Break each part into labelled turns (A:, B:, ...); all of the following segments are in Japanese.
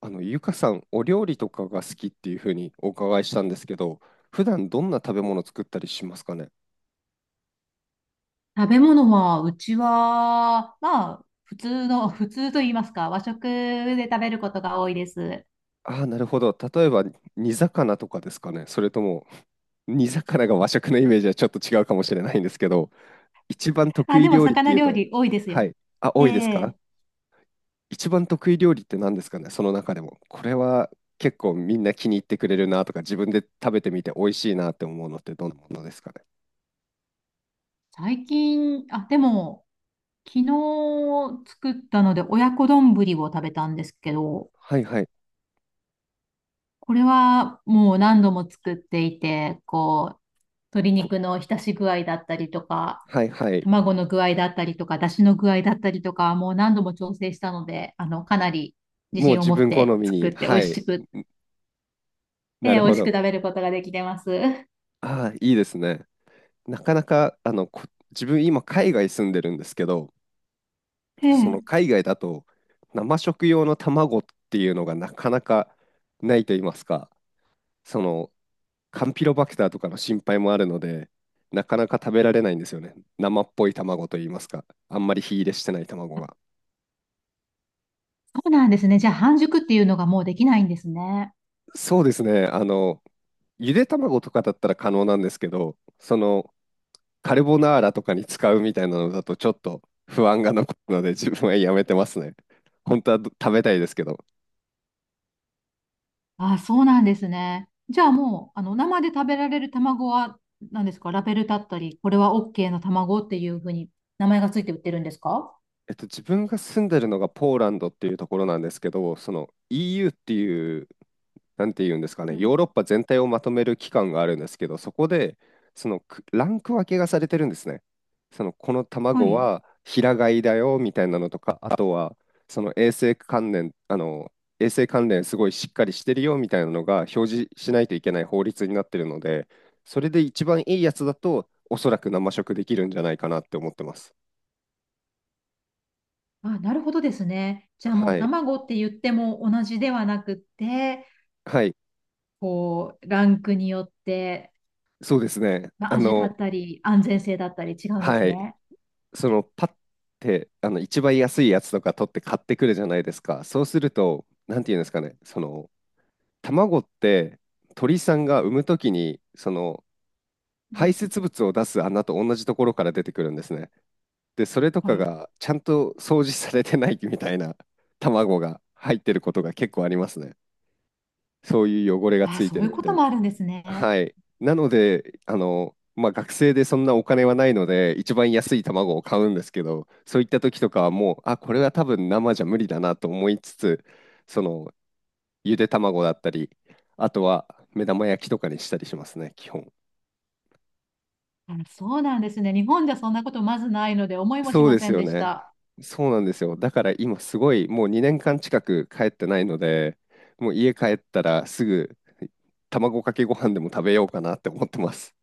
A: ゆかさん、お料理とかが好きっていうふうにお伺いしたんですけど、普段どんな食べ物作ったりしますかね。
B: 食べ物は、うちは、まあ、普通の、普通と言いますか、和食で食べることが多いです。
A: ああー、なるほど。例えば、煮魚とかですかね。それとも、煮魚が和食のイメージはちょっと違うかもしれないんですけど、一番得
B: あ、
A: 意
B: でも、
A: 料理って
B: 魚
A: いう
B: 料
A: と、
B: 理多いです
A: は
B: よ。
A: い。あ、
B: え
A: 多いですか。
B: え。
A: 一番得意料理って何ですかね、その中でも。これは結構みんな気に入ってくれるなとか、自分で食べてみて美味しいなって思うのってどんなものですかね。
B: 最近、あ、でも、昨日作ったので、親子丼を食べたんですけど、
A: はいはい。
B: これはもう何度も作っていて、こう、鶏
A: こ
B: 肉の浸し具合だったりとか、
A: はいはい。
B: 卵の具合だったりとか、出汁の具合だったりとか、もう何度も調整したので、あの、かなり自
A: もう
B: 信を
A: 自
B: 持っ
A: 分好
B: て
A: み
B: 作
A: に、
B: って美
A: は
B: 味
A: い。
B: しく、え
A: な
B: え、
A: る
B: 美
A: ほ
B: 味し
A: ど。
B: く食べることができてます。え
A: ああ、いいですね。なかなか、自分今海外住んでるんですけど、
B: え、
A: その海外だと生食用の卵っていうのがなかなかないと言いますか、そのカンピロバクターとかの心配もあるので、なかなか食べられないんですよね。生っぽい卵と言いますか、あんまり火入れしてない卵が。
B: そうなんですね。じゃあ半熟っていうのがもうできないんですね。
A: そうですね。ゆで卵とかだったら可能なんですけど、そのカルボナーラとかに使うみたいなのだとちょっと不安が残るので自分はやめてますね。本当は食べたいですけど。
B: ああ、そうなんですね。じゃあもう、あの、生で食べられる卵は何ですか、ラベルだったり、これは OK の卵っていうふうに名前がついて売ってるんですか。
A: 自分が住んでるのがポーランドっていうところなんですけど、その EU っていう、なんて言うんですか
B: う
A: ね、
B: ん。
A: ヨーロッパ全体をまとめる機関があるんですけど、そこで、そのランク分けがされてるんですね。その、この
B: は
A: 卵
B: い。
A: は平飼いだよみたいなのとか、あとは、その衛生関連、衛生関連すごいしっかりしてるよみたいなのが表示しないといけない法律になってるので、それで一番いいやつだと、おそらく生食できるんじゃないかなって思ってます。
B: あ、なるほどですね。じゃあもう
A: はい。
B: 卵って言っても同じではなくって、
A: はい。
B: こう、ランクによって、
A: そうですね。
B: まあ、味だったり、安全性だったり違うんです
A: はい。
B: ね。
A: そのパッて一番安いやつとか取って買ってくるじゃないですか。そうすると、なんていうんですかね、その卵って鳥さんが産むときにその
B: う
A: 排
B: ん、
A: 泄物を出す穴と同じところから出てくるんですね。で、それと
B: は
A: か
B: い。
A: がちゃんと掃除されてないみたいな卵が入ってることが結構ありますね。そういう汚れが
B: あ
A: つ
B: あ、
A: い
B: そ
A: て
B: うい
A: る
B: う
A: み
B: こ
A: た
B: と
A: いな。
B: もあるんですね。
A: はい。なので、まあ、学生でそんなお金はないので、一番安い卵を買うんですけど、そういった時とかはもう、あ、これは多分生じゃ無理だなと思いつつ、その、ゆで卵だったり、あとは目玉焼きとかにしたりしますね、基本。
B: あ、そうなんですね。日本じゃそんなことまずないので、思いもし
A: そう
B: ま
A: で
B: せ
A: す
B: ん
A: よ
B: でし
A: ね。
B: た。
A: そうなんですよ。だから今すごい、もう2年間近く帰ってないので、もう家帰ったらすぐ卵かけご飯でも食べようかなって思ってます。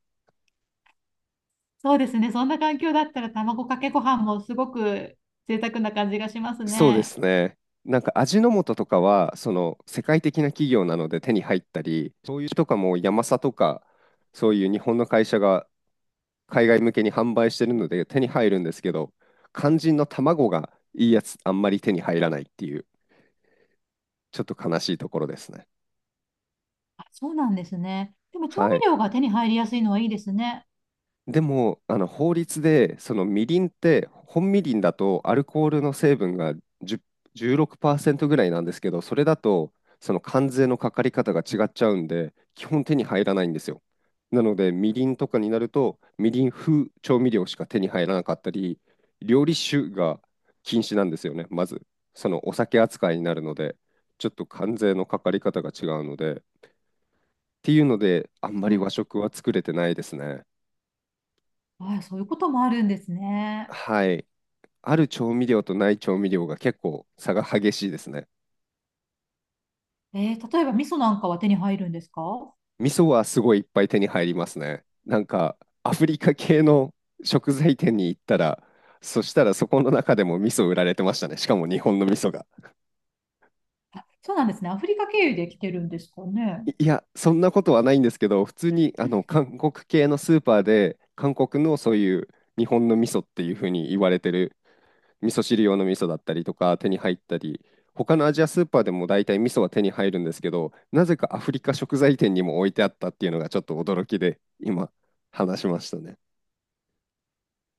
B: そうですね。そんな環境だったら、卵かけご飯もすごく贅沢な感じがします
A: そうで
B: ね。
A: すね。なんか味の素とかは、その世界的な企業なので手に入ったり、そういうとかもヤマサとか、そういう日本の会社が海外向けに販売してるので手に入るんですけど、肝心の卵がいいやつあんまり手に入らないっていう、ちょっと悲しいところですね。
B: あ、そうなんですね。でも調
A: は
B: 味
A: い。
B: 料が手に入りやすいのはいいですね。
A: でも、あの法律で、そのみりんって、本みりんだとアルコールの成分がじゅうじゅうろくパーセ16%ぐらいなんですけど、それだと、その関税のかかり方が違っちゃうんで、基本手に入らないんですよ。なので、みりんとかになると、みりん風調味料しか手に入らなかったり、料理酒が禁止なんですよね、まず。そのお酒扱いになるので、ちょっと関税のかかり方が違うので、っていうので、あんま
B: そうい
A: り
B: う、
A: 和食は作れてないですね。
B: あ、そういうこともあるんですね。
A: はい。ある調味料とない調味料が結構差が激しいですね。
B: えー、例えば味噌なんかは手に入るんですか。
A: 味噌はすごいいっぱい手に入りますね。なんかアフリカ系の食材店に行ったら、そしたらそこの中でも味噌売られてましたね。しかも日本の味噌が。
B: あ、そうなんですね。アフリカ経由で来てるんですかね。
A: いいや、そんなことはないんですけど、普通に韓国系のスーパーで、韓国のそういう日本の味噌っていうふうに言われてる味噌汁用の味噌だったりとか手に入ったり、他のアジアスーパーでも大体味噌は手に入るんですけど、なぜかアフリカ食材店にも置いてあったっていうのがちょっと驚きで、今話しましたね。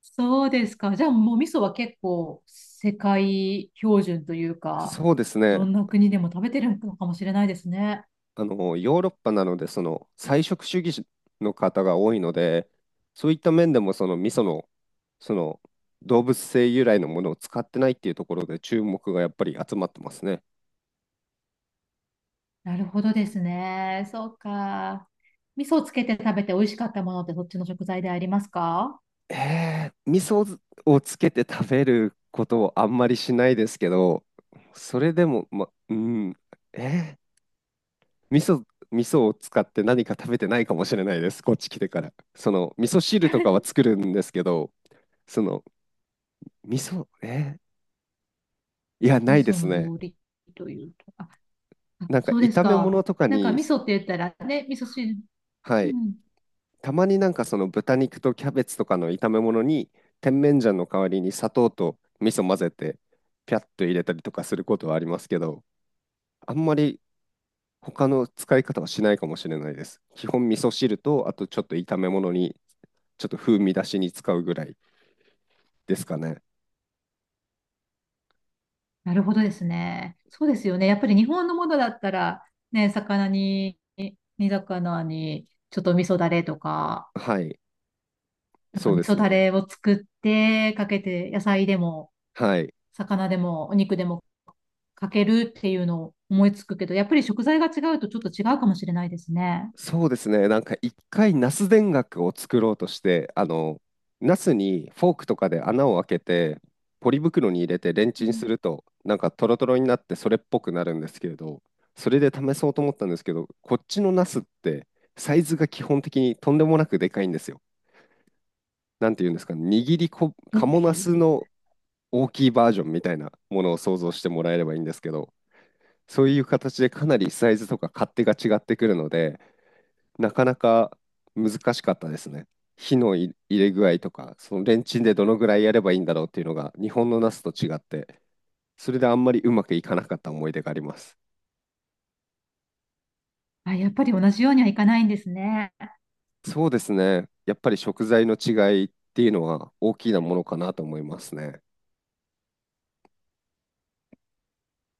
B: そうですか。じゃあもう味噌は結構世界標準というか、
A: そうですね。
B: どんな国でも食べてるのかもしれないですね。
A: ヨーロッパなので、その菜食主義の方が多いので、そういった面でもその味噌の、その動物性由来のものを使ってないっていうところで注目がやっぱり集まってますね。
B: なるほどですね。そうか。味噌をつけて食べて美味しかったものってそっちの食材でありますか。
A: 味噌をつけて食べることをあんまりしないですけど、それでも、ま、うん、えー、味噌、味噌を使って何か食べてないかもしれないです、こっち来てから。その、味噌汁とかは作るんですけど、その、味噌、えー、いや、な
B: 味
A: いで
B: 噌
A: す
B: の
A: ね。
B: 料理というと。あ、あ
A: なんか
B: そうです
A: 炒め物
B: か。
A: とか
B: なんか
A: に、
B: 味噌って言ったらね、味噌汁。
A: は
B: う
A: い、
B: ん。
A: たまになんかその豚肉とキャベツとかの炒め物に、甜麺醤の代わりに砂糖と味噌混ぜて、ピャッと入れたりとかすることはありますけど、あんまり他の使い方はしないかもしれないです。基本味噌汁と、あとちょっと炒め物に、ちょっと風味出しに使うぐらいですかね。
B: なるほどですね。そうですよね。やっぱり日本のものだったら、ね、魚に、煮魚に、ちょっと味噌だれとか、
A: はい、
B: なんか
A: そう
B: 味
A: です
B: 噌だ
A: ね。
B: れを作ってかけて、野菜でも、
A: はい。
B: 魚でも、お肉でもかけるっていうのを思いつくけど、やっぱり食材が違うとちょっと違うかもしれないですね。
A: そうですね。なんか一回ナス田楽を作ろうとして、ナスにフォークとかで穴を開けて、ポリ袋に入れてレン
B: う
A: チン
B: ん。
A: すると、なんかトロトロになってそれっぽくなるんですけれど、それで試そうと思ったんですけど、こっちのナスってサイズが基本的にとんでもなくでかいんですよ。なんていうんですかね、握りこ、カ
B: 大
A: モ
B: き
A: ナ
B: い。
A: スの大きいバージョンみたいなものを想像してもらえればいいんですけど、そういう形でかなりサイズとか勝手が違ってくるので、なかなか難しかったですね。火の入れ具合とか、そのレンチンでどのぐらいやればいいんだろうっていうのが、日本のナスと違って、それであんまりうまくいかなかった思い出があります。
B: あ、やっぱり同じようにはいかないんですね。
A: そうですね。やっぱり食材の違いっていうのは大きなものかなと思いますね。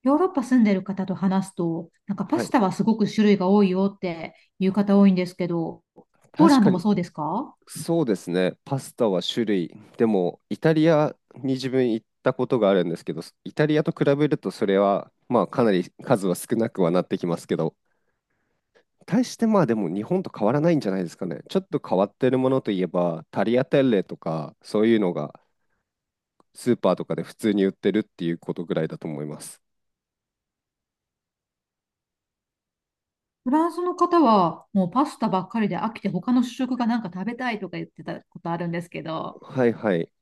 B: ヨーロッパ住んでる方と話すと、なんかパ
A: は
B: ス
A: い。
B: タはすごく種類が多いよっていう方多いんですけど、ポー
A: 確
B: ラン
A: か
B: ドもそう
A: に、
B: ですか。
A: そうですね。パスタは種類。でも、イタリアに自分行ったことがあるんですけど、イタリアと比べるとそれは、まあ、かなり数は少なくはなってきますけど、対してまあでも日本と変わらないんじゃないですかね。ちょっと変わってるものといえば、タリアテッレとか、そういうのがスーパーとかで普通に売ってるっていうことぐらいだと思います。
B: フランスの方はもうパスタばっかりで飽きて他の主食がなんか食べたいとか言ってたことあるんですけど、
A: はいはい。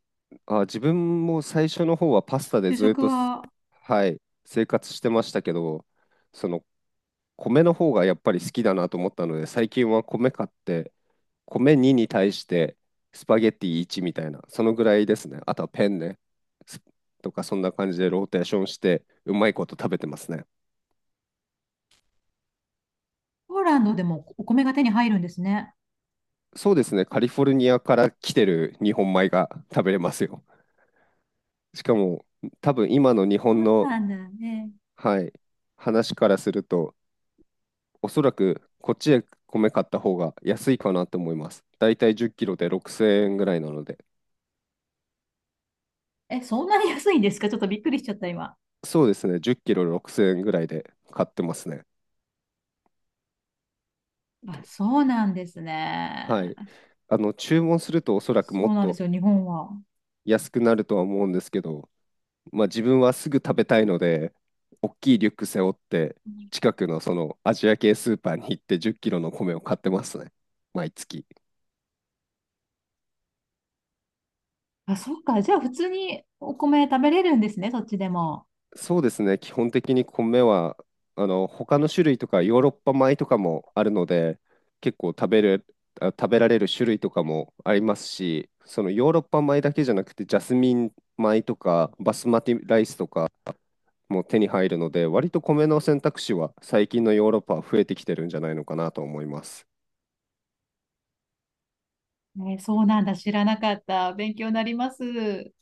A: あ、自分も最初の方はパスタで
B: 主
A: ずっ
B: 食
A: と、
B: は。
A: はい、生活してましたけど、その米の方がやっぱり好きだなと思ったので、最近は米買って米2に対してスパゲッティ1みたいな、そのぐらいですね。あとはペンね。スとかそんな感じでローテーションしてうまいこと食べてますね。
B: ポーランドでもお米が手に入るんですね。
A: そうですね。カリフォルニアから来てる日本米が食べれますよ。しかも多分今の日
B: そ
A: 本
B: う
A: の、
B: なんだね。
A: はい、話からすると、おそらくこっちで米買った方が安いかなと思います。だいたい10キロで6000円ぐらいなので。
B: え、そんなに安いんですか。ちょっとびっくりしちゃった今。
A: そうですね。10キロ6000円ぐらいで買ってますね。
B: あ、そうなんです
A: は
B: ね。
A: い。注文するとおそらくも
B: そう
A: っ
B: なんで
A: と
B: すよ、日本は。
A: 安くなるとは思うんですけど、まあ自分はすぐ食べたいので、大きいリュック背負って、近くのそのアジア系スーパーに行って10キロの米を買ってますね。毎月。
B: あ、そっか。じゃあ普通にお米食べれるんですね、そっちでも。
A: そうですね。基本的に米は、他の種類とかヨーロッパ米とかもあるので、結構食べる、あ食べられる種類とかもありますし、そのヨーロッパ米だけじゃなくて、ジャスミン米とか、バスマティライスとか、も手に入るので、割と米の選択肢は最近のヨーロッパは増えてきてるんじゃないのかなと思います。
B: ね、そうなんだ。知らなかった。勉強になります。